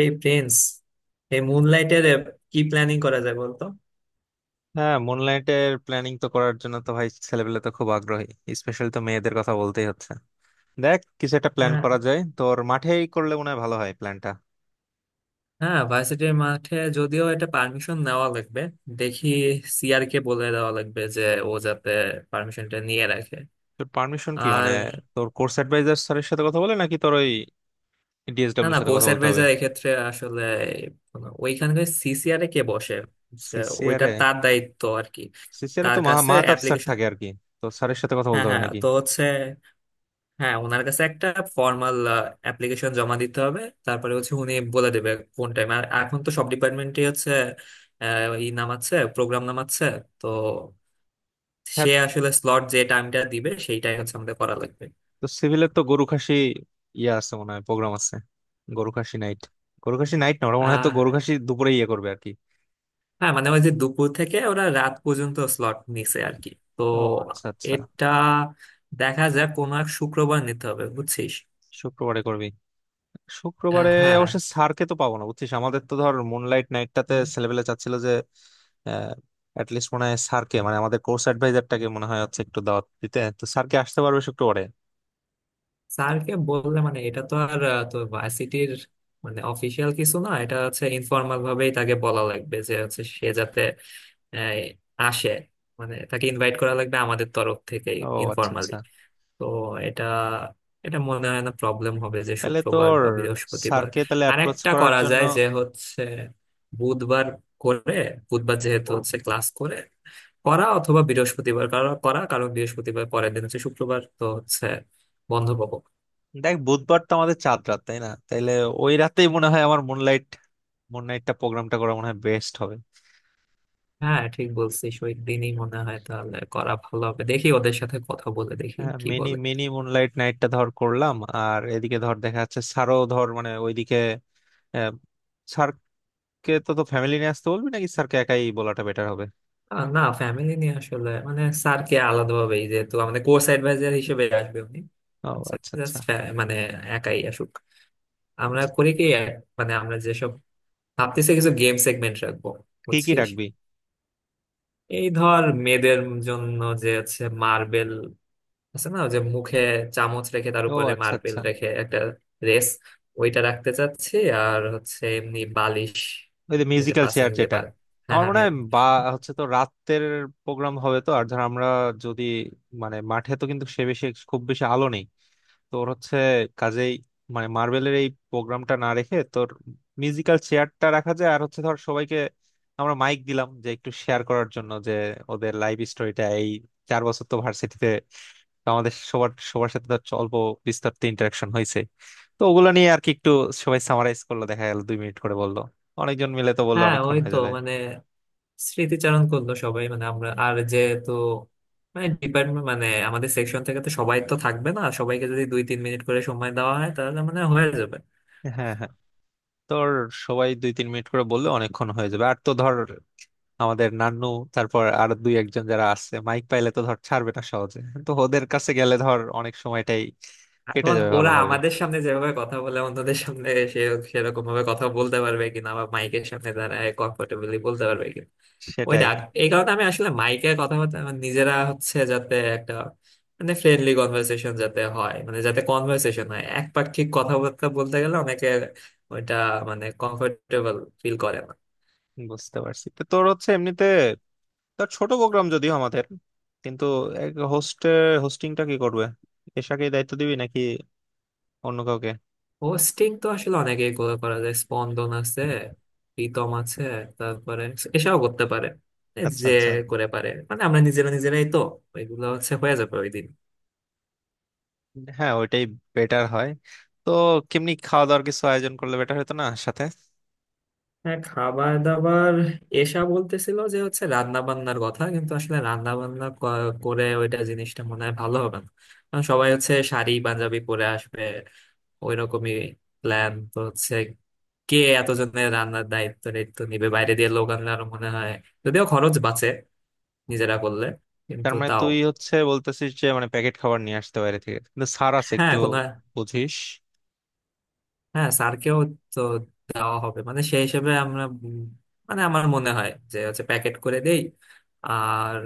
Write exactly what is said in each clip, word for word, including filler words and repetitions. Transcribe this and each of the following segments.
এই প্রিন্স, এই মুনলাইটের কি প্ল্যানিং করা যায় বলতো? হ্যাঁ, মুনলাইটের প্ল্যানিং তো করার জন্য তো ভাই ছেলেপেলে তো খুব আগ্রহী। স্পেশালি তো মেয়েদের কথা বলতেই হচ্ছে। দেখ, কিছু একটা প্ল্যান হ্যাঁ করা যায়, তোর মাঠেই করলে মনে হয় ভালো হয় প্ল্যানটা। হ্যাঁ, ভার্সিটির মাঠে, যদিও এটা পারমিশন নেওয়া লাগবে। দেখি, সিআর কে বলে দেওয়া লাগবে যে ও যাতে পারমিশনটা নিয়ে রাখে। তোর পারমিশন কি মানে, আর তোর কোর্স অ্যাডভাইজার স্যারের সাথে কথা বলে নাকি তোর ওই না ডিএসডব্লিউর না, সাথে কোচ কথা বলতে হবে? অ্যাডভাইজার এক্ষেত্রে আসলে ওইখানকার সিসিআর এ কে বসে, যে ওইটা সিসিআরে। তার দায়িত্ব আর কি। সিসিআরে তার তো মাহ- কাছে মাহতাব স্যার অ্যাপ্লিকেশন। থাকে আর কি। তো স্যারের সাথে কথা হ্যাঁ বলতে হবে হ্যাঁ, নাকি? তো হচ্ছে, হ্যাঁ, ওনার কাছে একটা ফর্মাল অ্যাপ্লিকেশন জমা দিতে হবে। তারপরে হচ্ছে উনি বলে দেবে কোন টাইম। আর এখন তো সব ডিপার্টমেন্টই হচ্ছে আহ, ই নামাচ্ছে, প্রোগ্রাম নামাচ্ছে। তো হ্যাঁ। সে আসলে স্লট যে টাইমটা দিবে সেইটাই হচ্ছে আমাদের করা লাগবে। তো সিভিলের তো গরু খাসি ইয়ে আছে, মনে হয় প্রোগ্রাম আছে। গরু খাসি নাইট। গরু খাসি নাইট না, ওরা মনে হয় তো আহ গরু খাসি দুপুরে ইয়ে করবে আর কি। হ্যাঁ, মানে ওই যে দুপুর থেকে ওরা রাত পর্যন্ত স্লট নিছে আর কি। তো ও আচ্ছা আচ্ছা। এটা দেখা যায় কোনো এক শুক্রবার নিতে হবে, বুঝছিস। শুক্রবারে করবি? আহ, শুক্রবারে হ্যাঁ। অবশ্য স্যারকে তো পাবো না, বুঝছিস। আমাদের তো ধর মুনলাইট নাইটটাতে ছেলেবেলে চাচ্ছিল যে অ্যাটলিস্ট মনে হয় স্যারকে মানে আমাদের কোর্স অ্যাডভাইজারটাকে মনে হয় হচ্ছে একটু দাওয়াত দিতে, তো স্যারকে আসতে পারবে শুক্রবারে? স্যারকে বললে মানে এটা তো আর আহ, তো ভার্সিটির মানে অফিসিয়াল কিছু না, এটা হচ্ছে ইনফর্মাল ভাবেই তাকে বলা লাগবে যে হচ্ছে সে যাতে আহ, আসে। মানে তাকে ইনভাইট করা লাগবে আমাদের তরফ থেকে ও আচ্ছা ইনফর্মালি। আচ্ছা। তো এটা, এটা মনে হয় না প্রবলেম হবে, যে তাহলে শুক্রবার তোর বা বৃহস্পতিবার। স্যারকে তাহলে আর অ্যাপ্রোচ একটা করার করা জন্য। যায় যে হচ্ছে বুধবার করে, বুধবার যেহেতু হচ্ছে ক্লাস করে করা, অথবা বৃহস্পতিবার করা করা, কারণ বৃহস্পতিবার পরের দিন হচ্ছে শুক্রবার, তো হচ্ছে বন্ধ পাবো। দেখ, বুধবার তো আমাদের চাঁদ রাত তাই না? তাইলে ওই রাতেই মনে হয় আমার মুনলাইট মুনলাইটটা প্রোগ্রামটা করা মনে হয় বেস্ট হবে। হ্যাঁ ঠিক বলছিস, ওই দিনই মনে হয় তাহলে করা ভালো হবে। দেখি ওদের সাথে কথা বলে, দেখি হ্যাঁ, কি মিনি বলে। মিনি মুনলাইট নাইটটা ধর করলাম। আর এদিকে ধর দেখা যাচ্ছে স্যারও ধর মানে ওইদিকে আহ, কে তো তো ফ্যামিলি নিয়ে আসতে বলবি নাকি স্যারকে একাই বলাটা বেটার হবে? আহ, না, ফ্যামিলি নিয়ে আসলে মানে স্যারকে আলাদাভাবে, যেহেতু আমাদের কোর্স অ্যাডভাইজার হিসেবে আসবে উনি। ও আচ্ছা আচ্ছা। Just, আহ, মানে একাই আসুক। আমরা আচ্ছা, করি কি আহ, মানে, আমরা যেসব ভাবতেছি, কিছু গেম সেগমেন্ট রাখবো, কি কি বুঝছিস। রাখবি? এই ধর মেয়েদের জন্য যে আছে মার্বেল, আছে না, যে মুখে চামচ রেখে তার ও উপরে আচ্ছা মার্বেল আচ্ছা। রেখে একটা রেস, ওইটা রাখতে চাচ্ছি। আর হচ্ছে এমনি বালিশ, ওই যে এই যে মিউজিক্যাল পাসিং চেয়ার যে যেটা। বা- হ্যাঁ আমার হ্যাঁ মনে আমি। হয় বা হচ্ছে, তো রাতের প্রোগ্রাম হবে তো, আর ধর আমরা যদি মানে মাঠে তো কিন্তু সে বেশি, খুব বেশি আলো নেই তোর হচ্ছে, কাজেই মানে মার্বেলের এই প্রোগ্রামটা না রেখে তোর মিউজিক্যাল চেয়ারটা রাখা যায়। আর হচ্ছে ধর সবাইকে আমরা মাইক দিলাম যে একটু শেয়ার করার জন্য যে ওদের লাইফ স্টোরিটা। এই চার বছর তো ভার্সিটিতে আমাদের সবার সবার সাথে ধর অল্প বিস্তারিত ইন্টারাকশন হয়েছে, তো ওগুলো নিয়ে আর কি একটু সবাই সামারাইজ করলো, দেখা গেল দুই মিনিট করে বললো, অনেকজন মিলে তো বললে হ্যাঁ অনেকক্ষণ ওই হয়ে তো, যাবে। মানে স্মৃতিচারণ করলো সবাই, মানে আমরা, আর যেহেতু মানে ডিপার্টমেন্ট মানে আমাদের সেকশন থেকে তো সবাই তো থাকবে না, সবাইকে যদি দুই তিন মিনিট করে সময় দেওয়া হয় তাহলে মানে হয়ে যাবে। হ্যাঁ হ্যাঁ। তোর সবাই দুই তিন মিনিট করে বললে অনেকক্ষণ হয়ে যাবে, আর তো ধর আমাদের নান্নু, তারপর আর দুই একজন যারা আছে, মাইক পাইলে তো ধর ছাড়বে না সহজে। তো ওদের কাছে গেলে ধর অনেক সময়টাই কেটে এখন যাবে ওরা ভালোভাবে। আমাদের সামনে যেভাবে কথা বলে, অন্যদের সামনে সে সেরকম ভাবে কথা বলতে পারবে কিনা, বা মাইকের সামনে দাঁড়ায় কমফোর্টেবলি বলতে পারবে ওইটা। সেটাই। এই কারণে আমি আসলে মাইকের কথা বলতে আমার নিজেরা হচ্ছে, যাতে একটা মানে ফ্রেন্ডলি কনভারসেশন যাতে হয়, মানে যাতে কনভারসেশন হয়, একপাক্ষিক কথাবার্তা বলতে গেলে অনেকে ওইটা মানে কমফোর্টেবল ফিল করে না। বুঝতে পারছি, তো তোর হচ্ছে এমনিতে তার ছোট প্রোগ্রাম যদিও আমাদের, কিন্তু হোস্টে হোস্টিংটা কি করবে? এশাকেই দায়িত্ব দিবি নাকি অন্য কাউকে? হোস্টিং তো আসলে অনেকেই করে, করা যায়, স্পন্দন আছে, প্রীতম আছে, তারপরে এসবও করতে পারে, এ আচ্ছা যে আচ্ছা। করে পারে। মানে আমরা নিজেরা নিজেরাই তো ওইগুলো হচ্ছে হয়ে যাবে ওই দিন। হ্যাঁ, ওইটাই বেটার হয়। তো কেমনি খাওয়া দাওয়ার কিছু আয়োজন করলে বেটার হতো না সাথে? হ্যাঁ খাবার দাবার, এসা বলতেছিল যে হচ্ছে রান্না বান্নার কথা, কিন্তু আসলে রান্না বান্না ক- করে, ওইটা জিনিসটা মনে হয় ভালো হবে না। কারণ সবাই হচ্ছে শাড়ি পাঞ্জাবি পরে আসবে, ওইরকমই প্ল্যান তো হচ্ছে। কে এতজনের রান্নার দায়িত্ব দায়িত্ব নিবে? বাইরে দিয়ে লোক আনলে আরো মনে হয়, যদিও খরচ বাঁচে নিজেরা করলে, তার কিন্তু মানে তাও। তুই হচ্ছে বলতেছিস যে মানে প্যাকেট খাবার নিয়ে আসতে বাইরে থেকে, কিন্তু ছাড় আছে হ্যাঁ একটু, কোনো, বুঝিস। হ্যাঁ স্যারকেও তো দেওয়া হবে মানে সেই হিসেবে আমরা উম, মানে আমার মনে হয় যে হচ্ছে প্যাকেট করে দেই। আর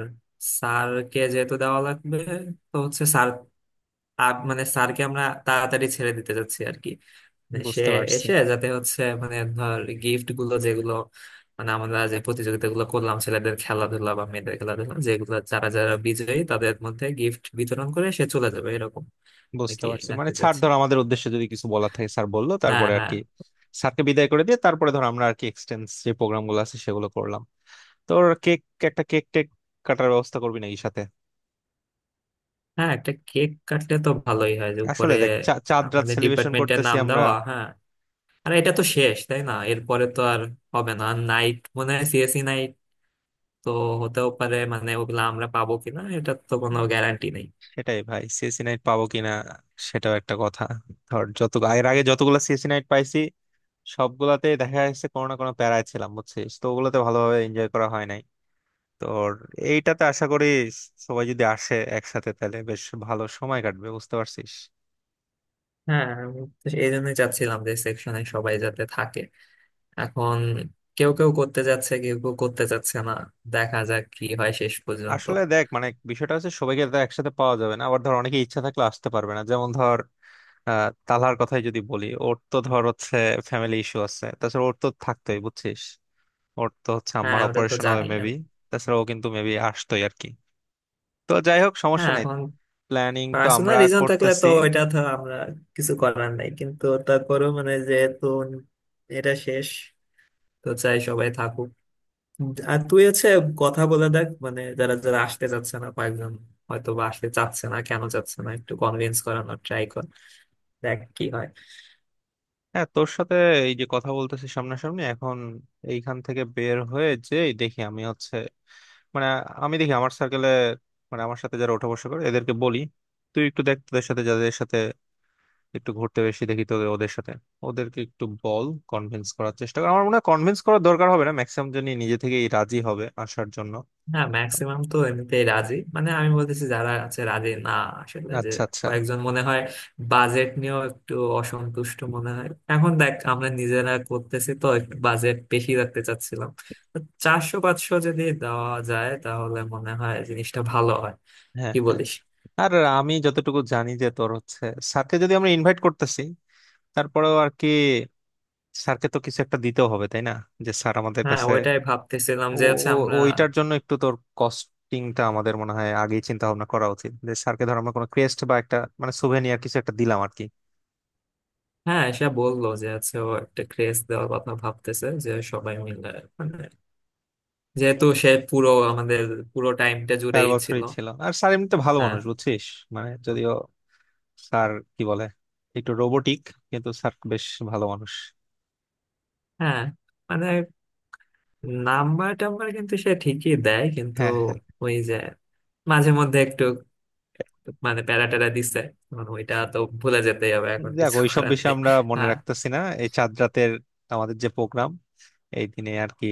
স্যারকে যেহেতু দেওয়া লাগবে, তো হচ্ছে স্যার আপ- মানে স্যারকে আমরা তাড়াতাড়ি ছেড়ে দিতে যাচ্ছি আর কি। মানে সে বুঝতে পারছি। এসে যাতে হচ্ছে মানে ধর গিফট গুলো যেগুলো, মানে আমরা যে প্রতিযোগিতা গুলো করলাম ছেলেদের খেলাধুলা বা মেয়েদের খেলাধুলা, যেগুলো যারা যারা বিজয়ী তাদের মধ্যে গিফট বিতরণ করে সে চলে যাবে, এরকম বুঝতে নাকি পারছি মানে, রাখতে ছাড় চাচ্ছি। ধর আমাদের উদ্দেশ্যে যদি কিছু বলার থাকে স্যার বললো, হ্যাঁ তারপরে আর হ্যাঁ কি স্যারকে বিদায় করে দিয়ে তারপরে ধর আমরা আর কি এক্সটেন্স যে প্রোগ্রাম গুলো আছে সেগুলো করলাম। তোর কেক, একটা কেক টেক কাটার ব্যবস্থা করবি নাকি সাথে? হ্যাঁ, একটা কেক কাটলে তো ভালোই হয়, যে আসলে উপরে দেখ, চা- চাঁদ রাত আমাদের সেলিব্রেশন ডিপার্টমেন্টের করতেছি নাম আমরা। দেওয়া। হ্যাঁ আর এটা তো শেষ, তাই না, এরপরে তো আর হবে না নাইট, মনে হয় সিএসি নাইট তো হতেও পারে, মানে ওগুলো আমরা পাবো কিনা এটা তো কোনো হুম। গ্যারান্টি নেই। সেটাই ভাই, সিএসি নাইট পাবো কিনা সেটাও একটা কথা। ধর যত এর আগে যতগুলো সিএসি নাইট পাইছি, সবগুলাতেই দেখা যাচ্ছে কোনো না কোনো প্যারায় ছিলাম, বুঝছিস, তো ওগুলোতে ভালোভাবে এনজয় করা হয় নাই। তোর এইটাতে আশা করি সবাই যদি আসে একসাথে, তাহলে বেশ ভালো সময় কাটবে, বুঝতে পারছিস। হ্যাঁ আমি তো এই জন্যই চাচ্ছিলাম যে সেকশনে সবাই যাতে থাকে। এখন কেউ কেউ করতে যাচ্ছে, কেউ কেউ করতে যাচ্ছে না। দেখা যাক কি হয় শেষ পর্যন্ত। আসলে দেখ মানে বিষয়টা হচ্ছে সবাইকে তো একসাথে পাওয়া যাবে না, আবার ধর অনেকে ইচ্ছা থাকলে আসতে পারবে না, যেমন ধর আহ তালহার কথাই যদি বলি, ওর তো ধর হচ্ছে ফ্যামিলি ইস্যু আছে, তাছাড়া ওর তো থাকতোই বুঝছিস। ওর তো হচ্ছে হ্যাঁ আম্মার ওটা তো অপারেশন হবে জানি মেবি। আমি। তাছাড়া ও কিন্তু মেবি আসতোই আর কি। তো যাই হোক সমস্যা হ্যাঁ নেই, এখন প্ল্যানিং তো পার্সোনাল আমরা রিজন থাকলে তো করতেছি। এটা তো আমরা কিছু করার নাই, কিন্তু তারপরেও মানে যেহেতু এটা শেষ, তো চাই সবাই থাকুক। আর তুই হচ্ছে কথা বলে দেখ, মানে যারা যারা আসতে চাচ্ছে না, কয়েকজন হয়তো বা আসতে চাচ্ছে না, কেন চাচ্ছে না একটু কনভিন্স করানোর ট্রাই কর, দেখ কি হয়। হ্যাঁ তোর সাথে এই যে কথা বলতেছি সামনাসামনি এখন, এইখান থেকে বের হয়ে যে দেখি আমি হচ্ছে মানে, আমি দেখি আমার সার্কেলে মানে আমার সাথে যারা ওঠা বসা করে এদেরকে বলি। তুই একটু দেখ তোদের সাথে যাদের সাথে একটু ঘুরতে বেশি দেখি তোদের, ওদের সাথে ওদেরকে একটু বল, কনভিন্স করার চেষ্টা কর। আমার মনে হয় কনভিন্স করার দরকার হবে না, ম্যাক্সিমাম জনই নিজে থেকেই রাজি হবে আসার জন্য। হ্যাঁ ম্যাক্সিমাম তো এমনিতেই রাজি, মানে আমি বলতেছি যারা আছে রাজি না আসলে, যে আচ্ছা আচ্ছা। কয়েকজন মনে হয় বাজেট নিয়েও একটু অসন্তুষ্ট মনে হয়। এখন দেখ আমরা নিজেরা করতেছি, তো একটু বাজেট বেশি রাখতে চাচ্ছিলাম, তো চারশো পাঁচশো যদি দেওয়া যায় তাহলে মনে হয় জিনিসটা ভালো হয়, হ্যাঁ কি হ্যাঁ। বলিস? আর আমি যতটুকু জানি যে তোর হচ্ছে স্যারকে যদি আমরা ইনভাইট করতেছি, তারপরেও আর কি স্যারকে তো কিছু একটা দিতেও হবে তাই না, যে স্যার আমাদের হ্যাঁ কাছে। ওইটাই ভাবতেছিলাম ও, যে হচ্ছে ও- আমরা, ওইটার জন্য একটু তোর কস্টিংটা আমাদের মনে হয় আগেই চিন্তা ভাবনা করা উচিত, যে স্যারকে ধর আমরা কোনো ক্রেস্ট বা একটা মানে সুভেনিয়ার কিছু একটা দিলাম আর কি। হ্যাঁ এসে বললো যে হচ্ছে ও একটা ক্রেজ দেওয়ার কথা ভাবতেছে যে সবাই মিলে, মানে যেহেতু সে পুরো আমাদের পুরো টাইমটা চার জুড়েই ছিল। বছরই ছিল আর স্যার এমনিতে ভালো হ্যাঁ মানুষ বুঝছিস। মানে যদিও স্যার কি বলে একটু রোবোটিক, কিন্তু স্যার বেশ ভালো মানুষ। হ্যাঁ, মানে নাম্বার টাম্বার কিন্তু সে ঠিকই দেয়, কিন্তু হ্যাঁ হ্যাঁ। ওই যে মাঝে মধ্যে একটু মানে প্যারা ট্যারা দিচ্ছে, মানে ওইটা তো ভুলে যেতেই হবে, এখন যাক, কিছু ওইসব করার বিষয় নেই। আমরা মনে হ্যাঁ রাখতেছি না এই চাঁদ রাতের আমাদের যে প্রোগ্রাম এই দিনে আর কি।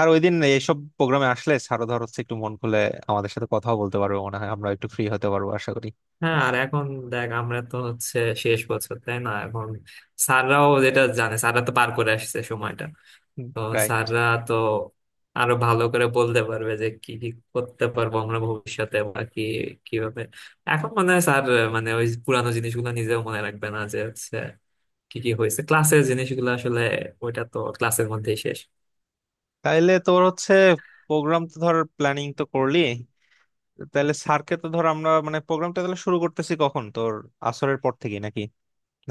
আর ওই দিন এইসব প্রোগ্রামে আসলে স্যারও ধর হচ্ছে একটু মন খুলে আমাদের সাথে কথাও বলতে পারবে, মনে হয় আমরা একটু ফ্রি হতে পারবো আশা করি। হ্যাঁ আর এখন দেখ আমরা তো হচ্ছে শেষ বছর, তাই না। এখন স্যাররাও যেটা জানে, স্যাররা তো পার করে আসছে সময়টা, তো রাইট। স্যাররা তো আরো ভালো করে বলতে পারবে যে কি কি করতে পারবো আমরা ভবিষ্যতে, বা কি কিভাবে। এখন মনে হয় স্যার মানে ওই পুরানো জিনিসগুলো নিজেও মনে রাখবে না, যে হচ্ছে কি কি হয়েছে ক্লাসের জিনিসগুলো আসলে, ওইটা তো ক্লাসের মধ্যেই শেষ। তাইলে তোর হচ্ছে প্রোগ্রাম তো ধর প্ল্যানিং তো করলি, তাহলে স্যারকে তো ধর আমরা মানে প্রোগ্রামটা তাহলে শুরু করতেছি কখন তোর, আসরের পর থেকে নাকি,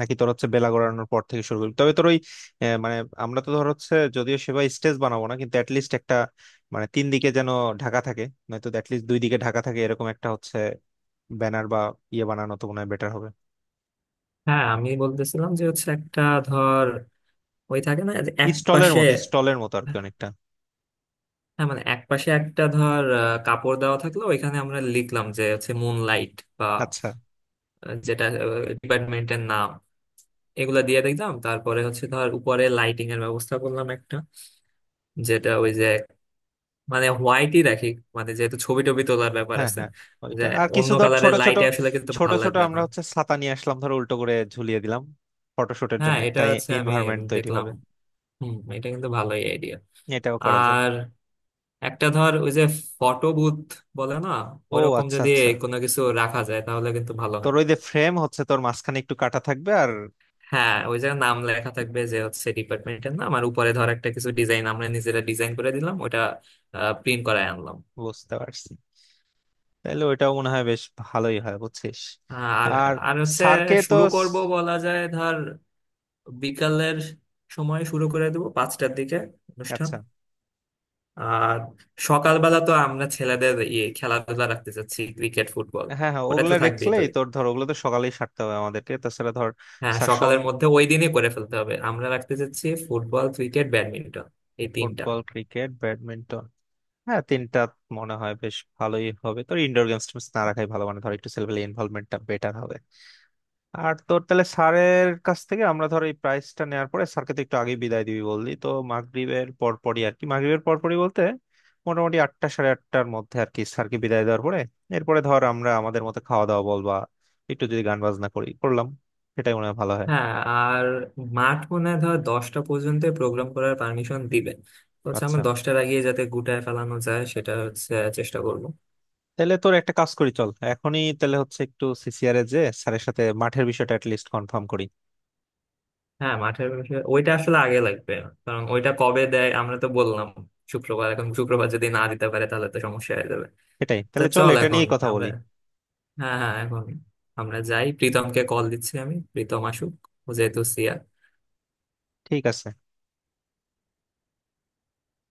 নাকি তোর হচ্ছে বেলা গড়ানোর পর থেকে শুরু করবি? তবে তোর ওই আহ, মানে আমরা তো ধর হচ্ছে যদিও সেভাবে স্টেজ বানাবো না, কিন্তু অ্যাটলিস্ট একটা মানে তিন দিকে যেন ঢাকা থাকে, নয়তো অ্যাটলিস্ট দুই দিকে ঢাকা থাকে, এরকম একটা হচ্ছে ব্যানার বা ইয়ে বানানো তো মনে হয় বেটার হবে। হ্যাঁ আমি বলতেছিলাম যে হচ্ছে একটা ধর ওই থাকে না যে এক স্টলের পাশে। মতো, স্টলের মতো আর কি অনেকটা। হ্যাঁ মানে এক পাশে একটা ধর আহ, কাপড় দেওয়া থাকলো, ওইখানে আমরা লিখলাম যে হচ্ছে মুন লাইট, বা আচ্ছা। আহ, যেটা ডিপার্টমেন্টের নাম, এগুলা দিয়ে দেখলাম। তারপরে হচ্ছে ধর উপরে লাইটিং এর ব্যবস্থা করলাম একটা, যেটা ওই যে, মানে হোয়াইটই রাখি, মানে যেহেতু ছবি টবি তোলার ব্যাপার হ্যাঁ আছে, হ্যাঁ যে ওইটা, আর অন্য কিছু ধর ছোট কালারের ছোট। লাইটে আসলে কিন্তু ছোট ভালো ছোট লাগবে না। আমরা হচ্ছে ছাতা নিয়ে আসলাম, ধর উল্টো করে ঝুলিয়ে দিলাম, ফটোশুটের হ্যাঁ জন্য এটা একটা হচ্ছে আমি এনভায়রনমেন্ট তৈরি দেখলাম, হবে। হম এটা কিন্তু ভালোই আইডিয়া। এটাও করা যায়। আর একটা ধর ওই যে ফটো বুথ বলে না, ও ওরকম আচ্ছা যদি আচ্ছা। কোনো কিছু রাখা যায় তাহলে কিন্তু ভালো হয়। তোর ওই যে ফ্রেম হচ্ছে তোর মাঝখানে একটু কাটা থাকবে আর। হ্যাঁ ওই জায়গায় নাম লেখা থাকবে যে হচ্ছে ডিপার্টমেন্টের নাম, আর উপরে ধর একটা কিছু ডিজাইন আমরা নিজেরা ডিজাইন করে দিলাম, ওটা প্রিন্ট করায় আনলাম। বুঝতে পারছি, তাহলে ওইটাও মনে হয় বেশ ভালোই হয়, বুঝছিস। আর, আর আর হচ্ছে স্যারকে তো শুরু স- করব বলা যায় ধর বিকালের সময়, শুরু করে দেবো পাঁচটার দিকে অনুষ্ঠান। আচ্ছা। আর সকালবেলা তো আমরা ছেলেদের ইয়ে খেলাধুলা রাখতে চাচ্ছি, ক্রিকেট ফুটবল। হ্যাঁ হ্যাঁ, ওটা ওগুলো তো থাকবেই তো, রেখলেই তোর ধর ওগুলো তো সকালেই সারতে হবে আমাদেরকে, তাছাড়া ধর হ্যাঁ স্যার। সকালের মধ্যে ওই দিনই করে ফেলতে হবে। আমরা রাখতে চাচ্ছি ফুটবল ক্রিকেট ব্যাডমিন্টন, এই তিনটা। ফুটবল ক্রিকেট ব্যাডমিন্টন, হ্যাঁ তিনটা মনে হয় বেশ ভালোই হবে। তোর ইনডোর গেমস টেমস না রাখাই ভালো, মানে ধর একটু ছেলেপেলে ইনভলভমেন্টটা বেটার হবে। আর তোর তাহলে স্যারের কাছ থেকে আমরা ধর এই প্রাইসটা নেওয়ার পরে স্যারকে তো একটু আগেই বিদায় দিবি বললি তো, মাগরিবের পরপরই আর কি। মাগরিবের পরপরই বলতে মোটামুটি আটটা সাড়ে আটটার মধ্যে আর কি স্যারকে বিদায় দেওয়ার পরে, এরপরে ধর আমরা আমাদের মতো খাওয়া দাওয়া বল বা একটু যদি গান বাজনা করি করলাম, সেটাই মনে হয় ভালো হয়। হ্যাঁ আর মাঠ মনে হয় ধর দশটা পর্যন্ত প্রোগ্রাম করার পারমিশন দিবে, হচ্ছে আচ্ছা। আমরা দশটার আগে যাতে গুটায় ফেলানো যায় সেটা হচ্ছে চেষ্টা করব। তাহলে তোর একটা কাজ করি, চল এখনই তাহলে হচ্ছে একটু সিসিআর এ যে স্যারের সাথে মাঠের বিষয়টা লিস্ট কনফার্ম করি। হ্যাঁ মাঠের বিষয়ে ওইটা আসলে আগে লাগবে, কারণ ওইটা কবে দেয় আমরা তো বললাম শুক্রবার, এখন শুক্রবার যদি না দিতে পারে তাহলে তো সমস্যা হয়ে যাবে। এটাই, তা তাহলে চল চল এটা এখন নিয়েই কথা আমরা, বলি। হ্যাঁ হ্যাঁ এখন আমরা যাই, প্রীতমকে কল দিচ্ছি আমি, প্রীতম আসুক, ও যেহেতু ঠিক আছে।